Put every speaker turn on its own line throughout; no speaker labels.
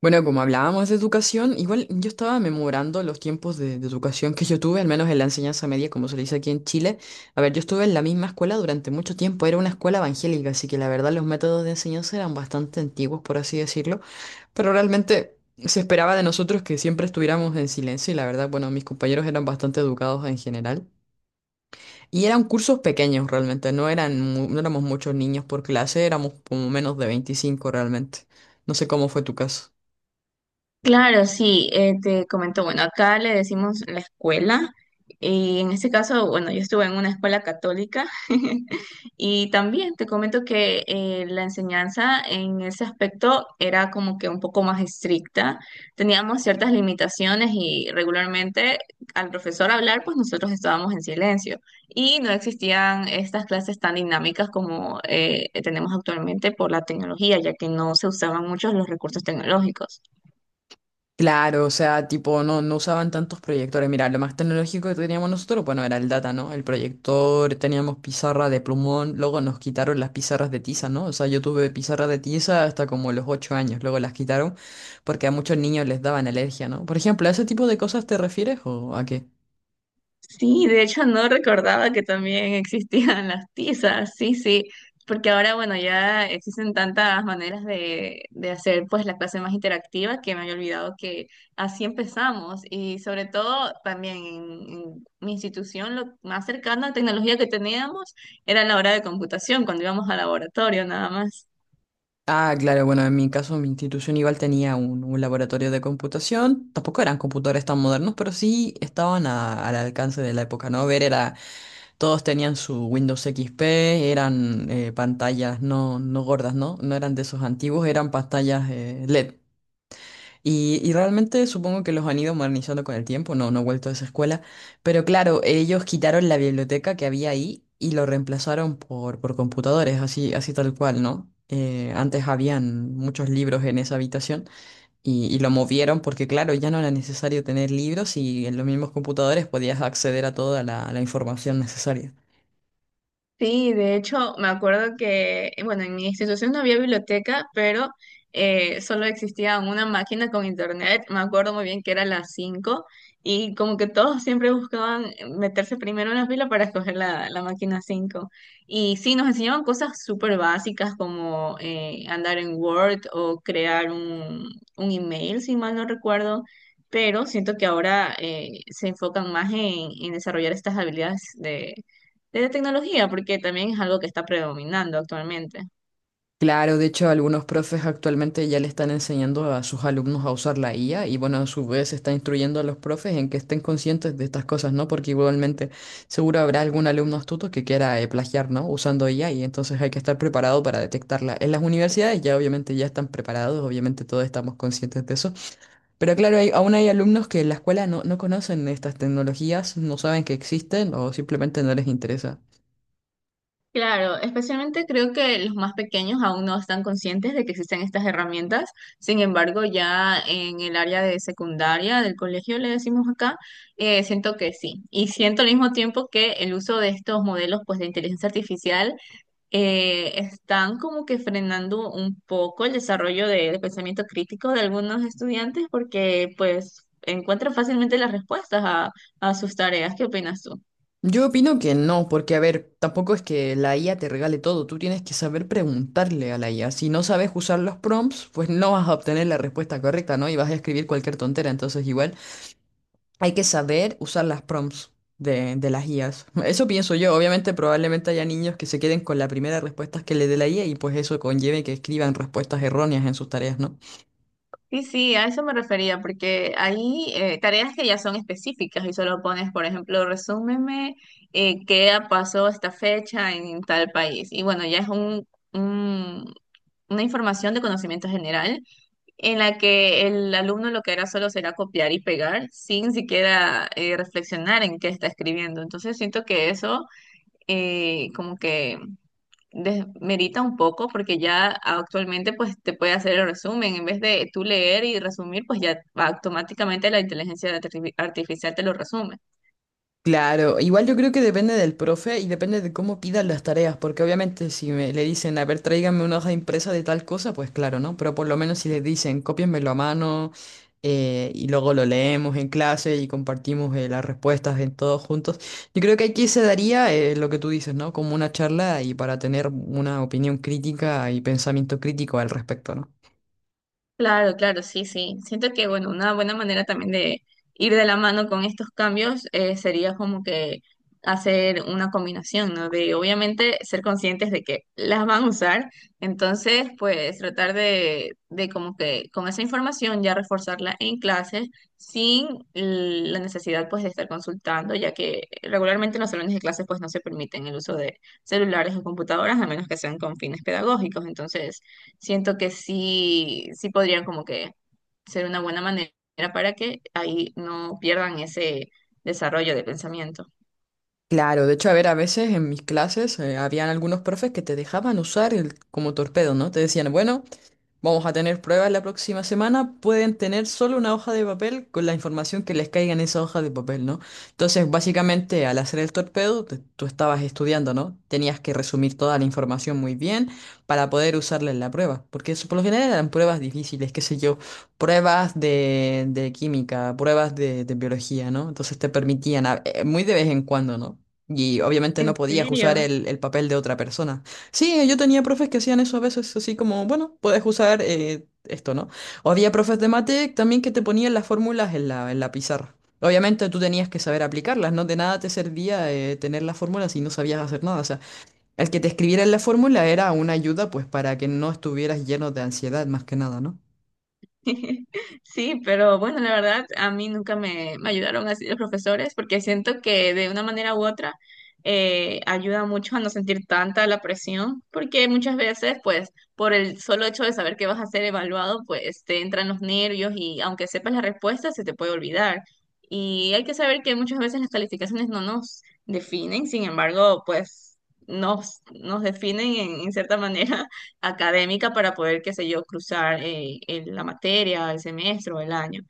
Bueno, como hablábamos de educación, igual yo estaba memorando los tiempos de educación que yo tuve, al menos en la enseñanza media, como se le dice aquí en Chile. A ver, yo estuve en la misma escuela durante mucho tiempo, era una escuela evangélica, así que la verdad los métodos de enseñanza eran bastante antiguos, por así decirlo, pero realmente se esperaba de nosotros que siempre estuviéramos en silencio y la verdad, bueno, mis compañeros eran bastante educados en general. Y eran cursos pequeños realmente, no eran, no éramos muchos niños por clase, éramos como menos de 25, realmente. No sé cómo fue tu caso.
Claro, sí, te comento, bueno, acá le decimos la escuela, y en este caso, bueno, yo estuve en una escuela católica y también te comento que la enseñanza en ese aspecto era como que un poco más estricta, teníamos ciertas limitaciones y regularmente al profesor hablar, pues nosotros estábamos en silencio y no existían estas clases tan dinámicas como tenemos actualmente por la tecnología, ya que no se usaban muchos los recursos tecnológicos.
Claro, o sea, tipo, no usaban tantos proyectores. Mira, lo más tecnológico que teníamos nosotros, bueno, era el data, ¿no? El proyector, teníamos pizarra de plumón, luego nos quitaron las pizarras de tiza, ¿no? O sea, yo tuve pizarra de tiza hasta como los 8 años, luego las quitaron porque a muchos niños les daban alergia, ¿no? Por ejemplo, ¿a ese tipo de cosas te refieres o a qué?
Sí, de hecho no recordaba que también existían las tizas, sí, sí, porque ahora, bueno, ya existen tantas maneras de hacer pues la clase más interactiva que me había olvidado que así empezamos y sobre todo también en mi institución lo más cercano a tecnología que teníamos era la hora de computación, cuando íbamos al laboratorio nada más.
Ah, claro, bueno, en mi caso, mi institución igual tenía un laboratorio de computación. Tampoco eran computadores tan modernos, pero sí estaban al alcance de la época, ¿no? Ver era. Todos tenían su Windows XP, eran pantallas no gordas, ¿no? No eran de esos antiguos, eran pantallas LED. Y realmente supongo que los han ido modernizando con el tiempo, no he vuelto a esa escuela. Pero claro, ellos quitaron la biblioteca que había ahí y lo reemplazaron por computadores, así, así tal cual, ¿no? Antes habían muchos libros en esa habitación y lo movieron porque, claro, ya no era necesario tener libros y en los mismos computadores podías acceder a toda la información necesaria.
Sí, de hecho, me acuerdo que, bueno, en mi institución no había biblioteca, pero solo existía una máquina con internet. Me acuerdo muy bien que era las 5 y como que todos siempre buscaban meterse primero en la fila para escoger la máquina 5. Y sí, nos enseñaban cosas súper básicas como andar en Word o crear un email, si mal no recuerdo. Pero siento que ahora se enfocan más en desarrollar estas habilidades de la tecnología, porque también es algo que está predominando actualmente.
Claro, de hecho algunos profes actualmente ya le están enseñando a sus alumnos a usar la IA y bueno, a su vez está instruyendo a los profes en que estén conscientes de estas cosas, ¿no? Porque igualmente seguro habrá algún alumno astuto que quiera plagiar, ¿no? Usando IA y entonces hay que estar preparado para detectarla. En las universidades ya obviamente ya están preparados, obviamente todos estamos conscientes de eso. Pero claro, aún hay alumnos que en la escuela no conocen estas tecnologías, no saben que existen o simplemente no les interesa.
Claro, especialmente creo que los más pequeños aún no están conscientes de que existen estas herramientas. Sin embargo, ya en el área de secundaria del colegio, le decimos acá, siento que sí. Y siento al mismo tiempo que el uso de estos modelos pues, de inteligencia artificial están como que frenando un poco el desarrollo del pensamiento crítico de algunos estudiantes porque pues encuentran fácilmente las respuestas a sus tareas. ¿Qué opinas tú?
Yo opino que no, porque a ver, tampoco es que la IA te regale todo, tú tienes que saber preguntarle a la IA. Si no sabes usar los prompts, pues no vas a obtener la respuesta correcta, ¿no? Y vas a escribir cualquier tontera, entonces igual hay que saber usar las prompts de las IAs. Eso pienso yo, obviamente probablemente haya niños que se queden con la primera respuesta que le dé la IA y pues eso conlleve que escriban respuestas erróneas en sus tareas, ¿no?
Sí, sí, a eso me refería, porque hay tareas que ya son específicas y solo pones, por ejemplo, resúmeme qué pasó esta fecha en tal país. Y bueno, ya es una información de conocimiento general en la que el alumno lo que hará solo será copiar y pegar sin siquiera reflexionar en qué está escribiendo. Entonces siento que eso como que desmerita un poco porque ya actualmente pues te puede hacer el resumen. En vez de tú leer y resumir, pues ya automáticamente la inteligencia artificial te lo resume.
Claro, igual yo creo que depende del profe y depende de cómo pidan las tareas, porque obviamente si me, le dicen, a ver, tráiganme una hoja impresa de tal cosa, pues claro, ¿no? Pero por lo menos si les dicen, cópienmelo a mano y luego lo leemos en clase y compartimos las respuestas en todos juntos, yo creo que aquí se daría lo que tú dices, ¿no? Como una charla y para tener una opinión crítica y pensamiento crítico al respecto, ¿no?
Claro, claro, sí, sí. Siento que, bueno, una buena manera también de ir de la mano con estos cambios sería como que hacer una combinación, ¿no? De obviamente ser conscientes de que las van a usar, entonces pues tratar de como que con esa información ya reforzarla en clases sin la necesidad pues de estar consultando, ya que regularmente en los salones de clases pues no se permiten el uso de celulares o computadoras a menos que sean con fines pedagógicos, entonces siento que sí, sí podrían como que ser una buena manera para que ahí no pierdan ese desarrollo de pensamiento.
Claro, de hecho, a ver, a veces en mis clases habían algunos profes que te dejaban usar el, como torpedo, ¿no? Te decían, bueno, vamos a tener pruebas la próxima semana. Pueden tener solo una hoja de papel con la información que les caiga en esa hoja de papel, ¿no? Entonces, básicamente, al hacer el torpedo, tú estabas estudiando, ¿no? Tenías que resumir toda la información muy bien para poder usarla en la prueba. Porque eso, por lo general, eran pruebas difíciles, qué sé yo, pruebas de química, pruebas de biología, ¿no? Entonces te permitían, muy de vez en cuando, ¿no? Y obviamente no
¿En
podías usar
serio?
el papel de otra persona. Sí, yo tenía profes que hacían eso a veces, así como, bueno, puedes usar esto, ¿no? O había profes de mate también que te ponían las fórmulas en la pizarra. Obviamente tú tenías que saber aplicarlas, ¿no? De nada te servía tener las fórmulas si no sabías hacer nada. O sea, el que te escribiera en la fórmula era una ayuda, pues, para que no estuvieras lleno de ansiedad, más que nada, ¿no?
Sí, pero bueno, la verdad, a mí nunca me ayudaron así los profesores porque siento que de una manera u otra ayuda mucho a no sentir tanta la presión porque muchas veces, pues, por el solo hecho de saber que vas a ser evaluado, pues te entran los nervios y aunque sepas la respuesta, se te puede olvidar. Y hay que saber que muchas veces las calificaciones no nos definen, sin embargo, pues nos definen en cierta manera académica para poder, qué sé yo, cruzar la materia, el semestre o el año.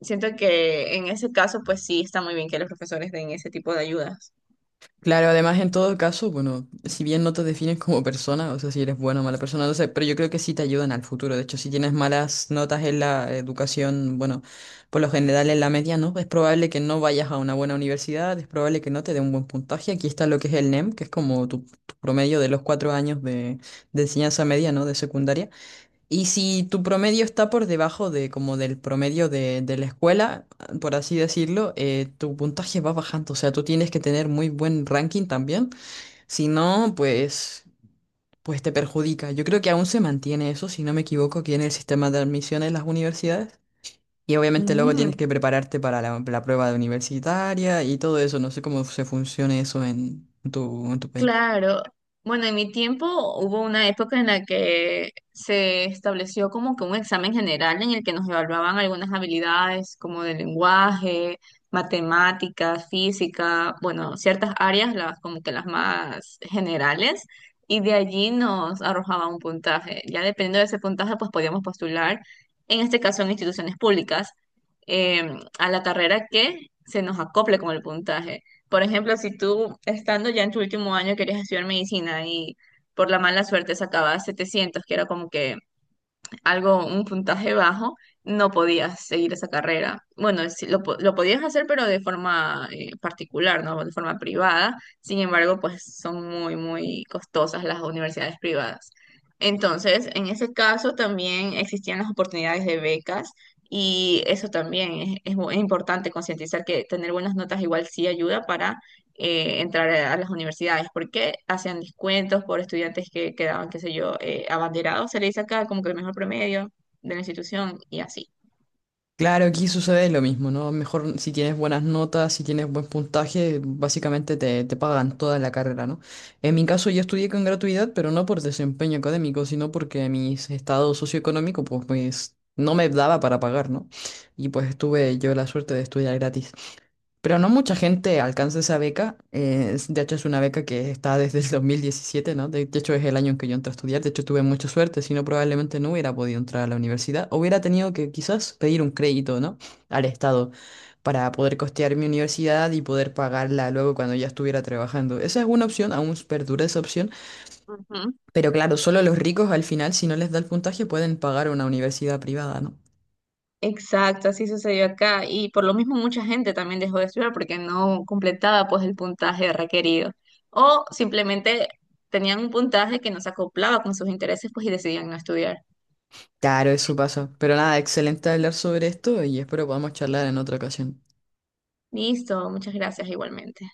Siento que en ese caso, pues sí, está muy bien que los profesores den ese tipo de ayudas.
Claro, además en todo caso, bueno, si bien no te defines como persona, o sea, si eres buena o mala persona, no sé, pero yo creo que sí te ayudan al futuro. De hecho, si tienes malas notas en la educación, bueno, por lo general en la media, ¿no? Es probable que no vayas a una buena universidad, es probable que no te dé un buen puntaje. Aquí está lo que es el NEM, que es como tu promedio de los 4 años de enseñanza media, ¿no? De secundaria. Y si tu promedio está por debajo de como del promedio de la escuela, por así decirlo, tu puntaje va bajando. O sea, tú tienes que tener muy buen ranking también. Si no, pues te perjudica. Yo creo que aún se mantiene eso, si no me equivoco, aquí en el sistema de admisión en las universidades. Y obviamente luego tienes que prepararte para la, la prueba universitaria y todo eso. No sé cómo se funciona eso en en tu país.
Claro. Bueno, en mi tiempo hubo una época en la que se estableció como que un examen general en el que nos evaluaban algunas habilidades como de lenguaje, matemáticas, física, bueno, ciertas áreas, las como que las más generales, y de allí nos arrojaba un puntaje. Ya dependiendo de ese puntaje, pues podíamos postular, en este caso en instituciones públicas, a la carrera que se nos acople con el puntaje. Por ejemplo, si tú estando ya en tu último año querías estudiar medicina y por la mala suerte sacabas 700 que era como que algo, un puntaje bajo, no podías seguir esa carrera. Bueno, sí, lo podías hacer, pero de forma particular, ¿no? De forma privada. Sin embargo, pues son muy, muy costosas las universidades privadas. Entonces, en ese caso también existían las oportunidades de becas. Y eso también es importante concientizar que tener buenas notas igual sí ayuda para entrar a las universidades, porque hacían descuentos por estudiantes que quedaban, qué sé yo, abanderados, se le dice acá como que el mejor promedio de la institución y así.
Claro, aquí sucede lo mismo, ¿no? Mejor si tienes buenas notas, si tienes buen puntaje, básicamente te pagan toda la carrera, ¿no? En mi caso yo estudié con gratuidad, pero no por desempeño académico, sino porque mi estado socioeconómico, pues no me daba para pagar, ¿no? Y pues tuve yo la suerte de estudiar gratis. Pero no mucha gente alcanza esa beca. De hecho, es una beca que está desde el 2017, ¿no? De hecho, es el año en que yo entré a estudiar. De hecho, tuve mucha suerte, si no, probablemente no hubiera podido entrar a la universidad. Hubiera tenido que quizás pedir un crédito, ¿no? Al Estado para poder costear mi universidad y poder pagarla luego cuando ya estuviera trabajando. Esa es una opción, aún perdura esa opción.
Ujú.
Pero claro, solo los ricos al final, si no les da el puntaje, pueden pagar una universidad privada, ¿no?
Exacto, así sucedió acá y por lo mismo mucha gente también dejó de estudiar porque no completaba pues el puntaje requerido o simplemente tenían un puntaje que no se acoplaba con sus intereses pues y decidían no estudiar.
Claro, eso pasa. Pero nada, excelente hablar sobre esto y espero podamos charlar en otra ocasión.
Listo, muchas gracias igualmente.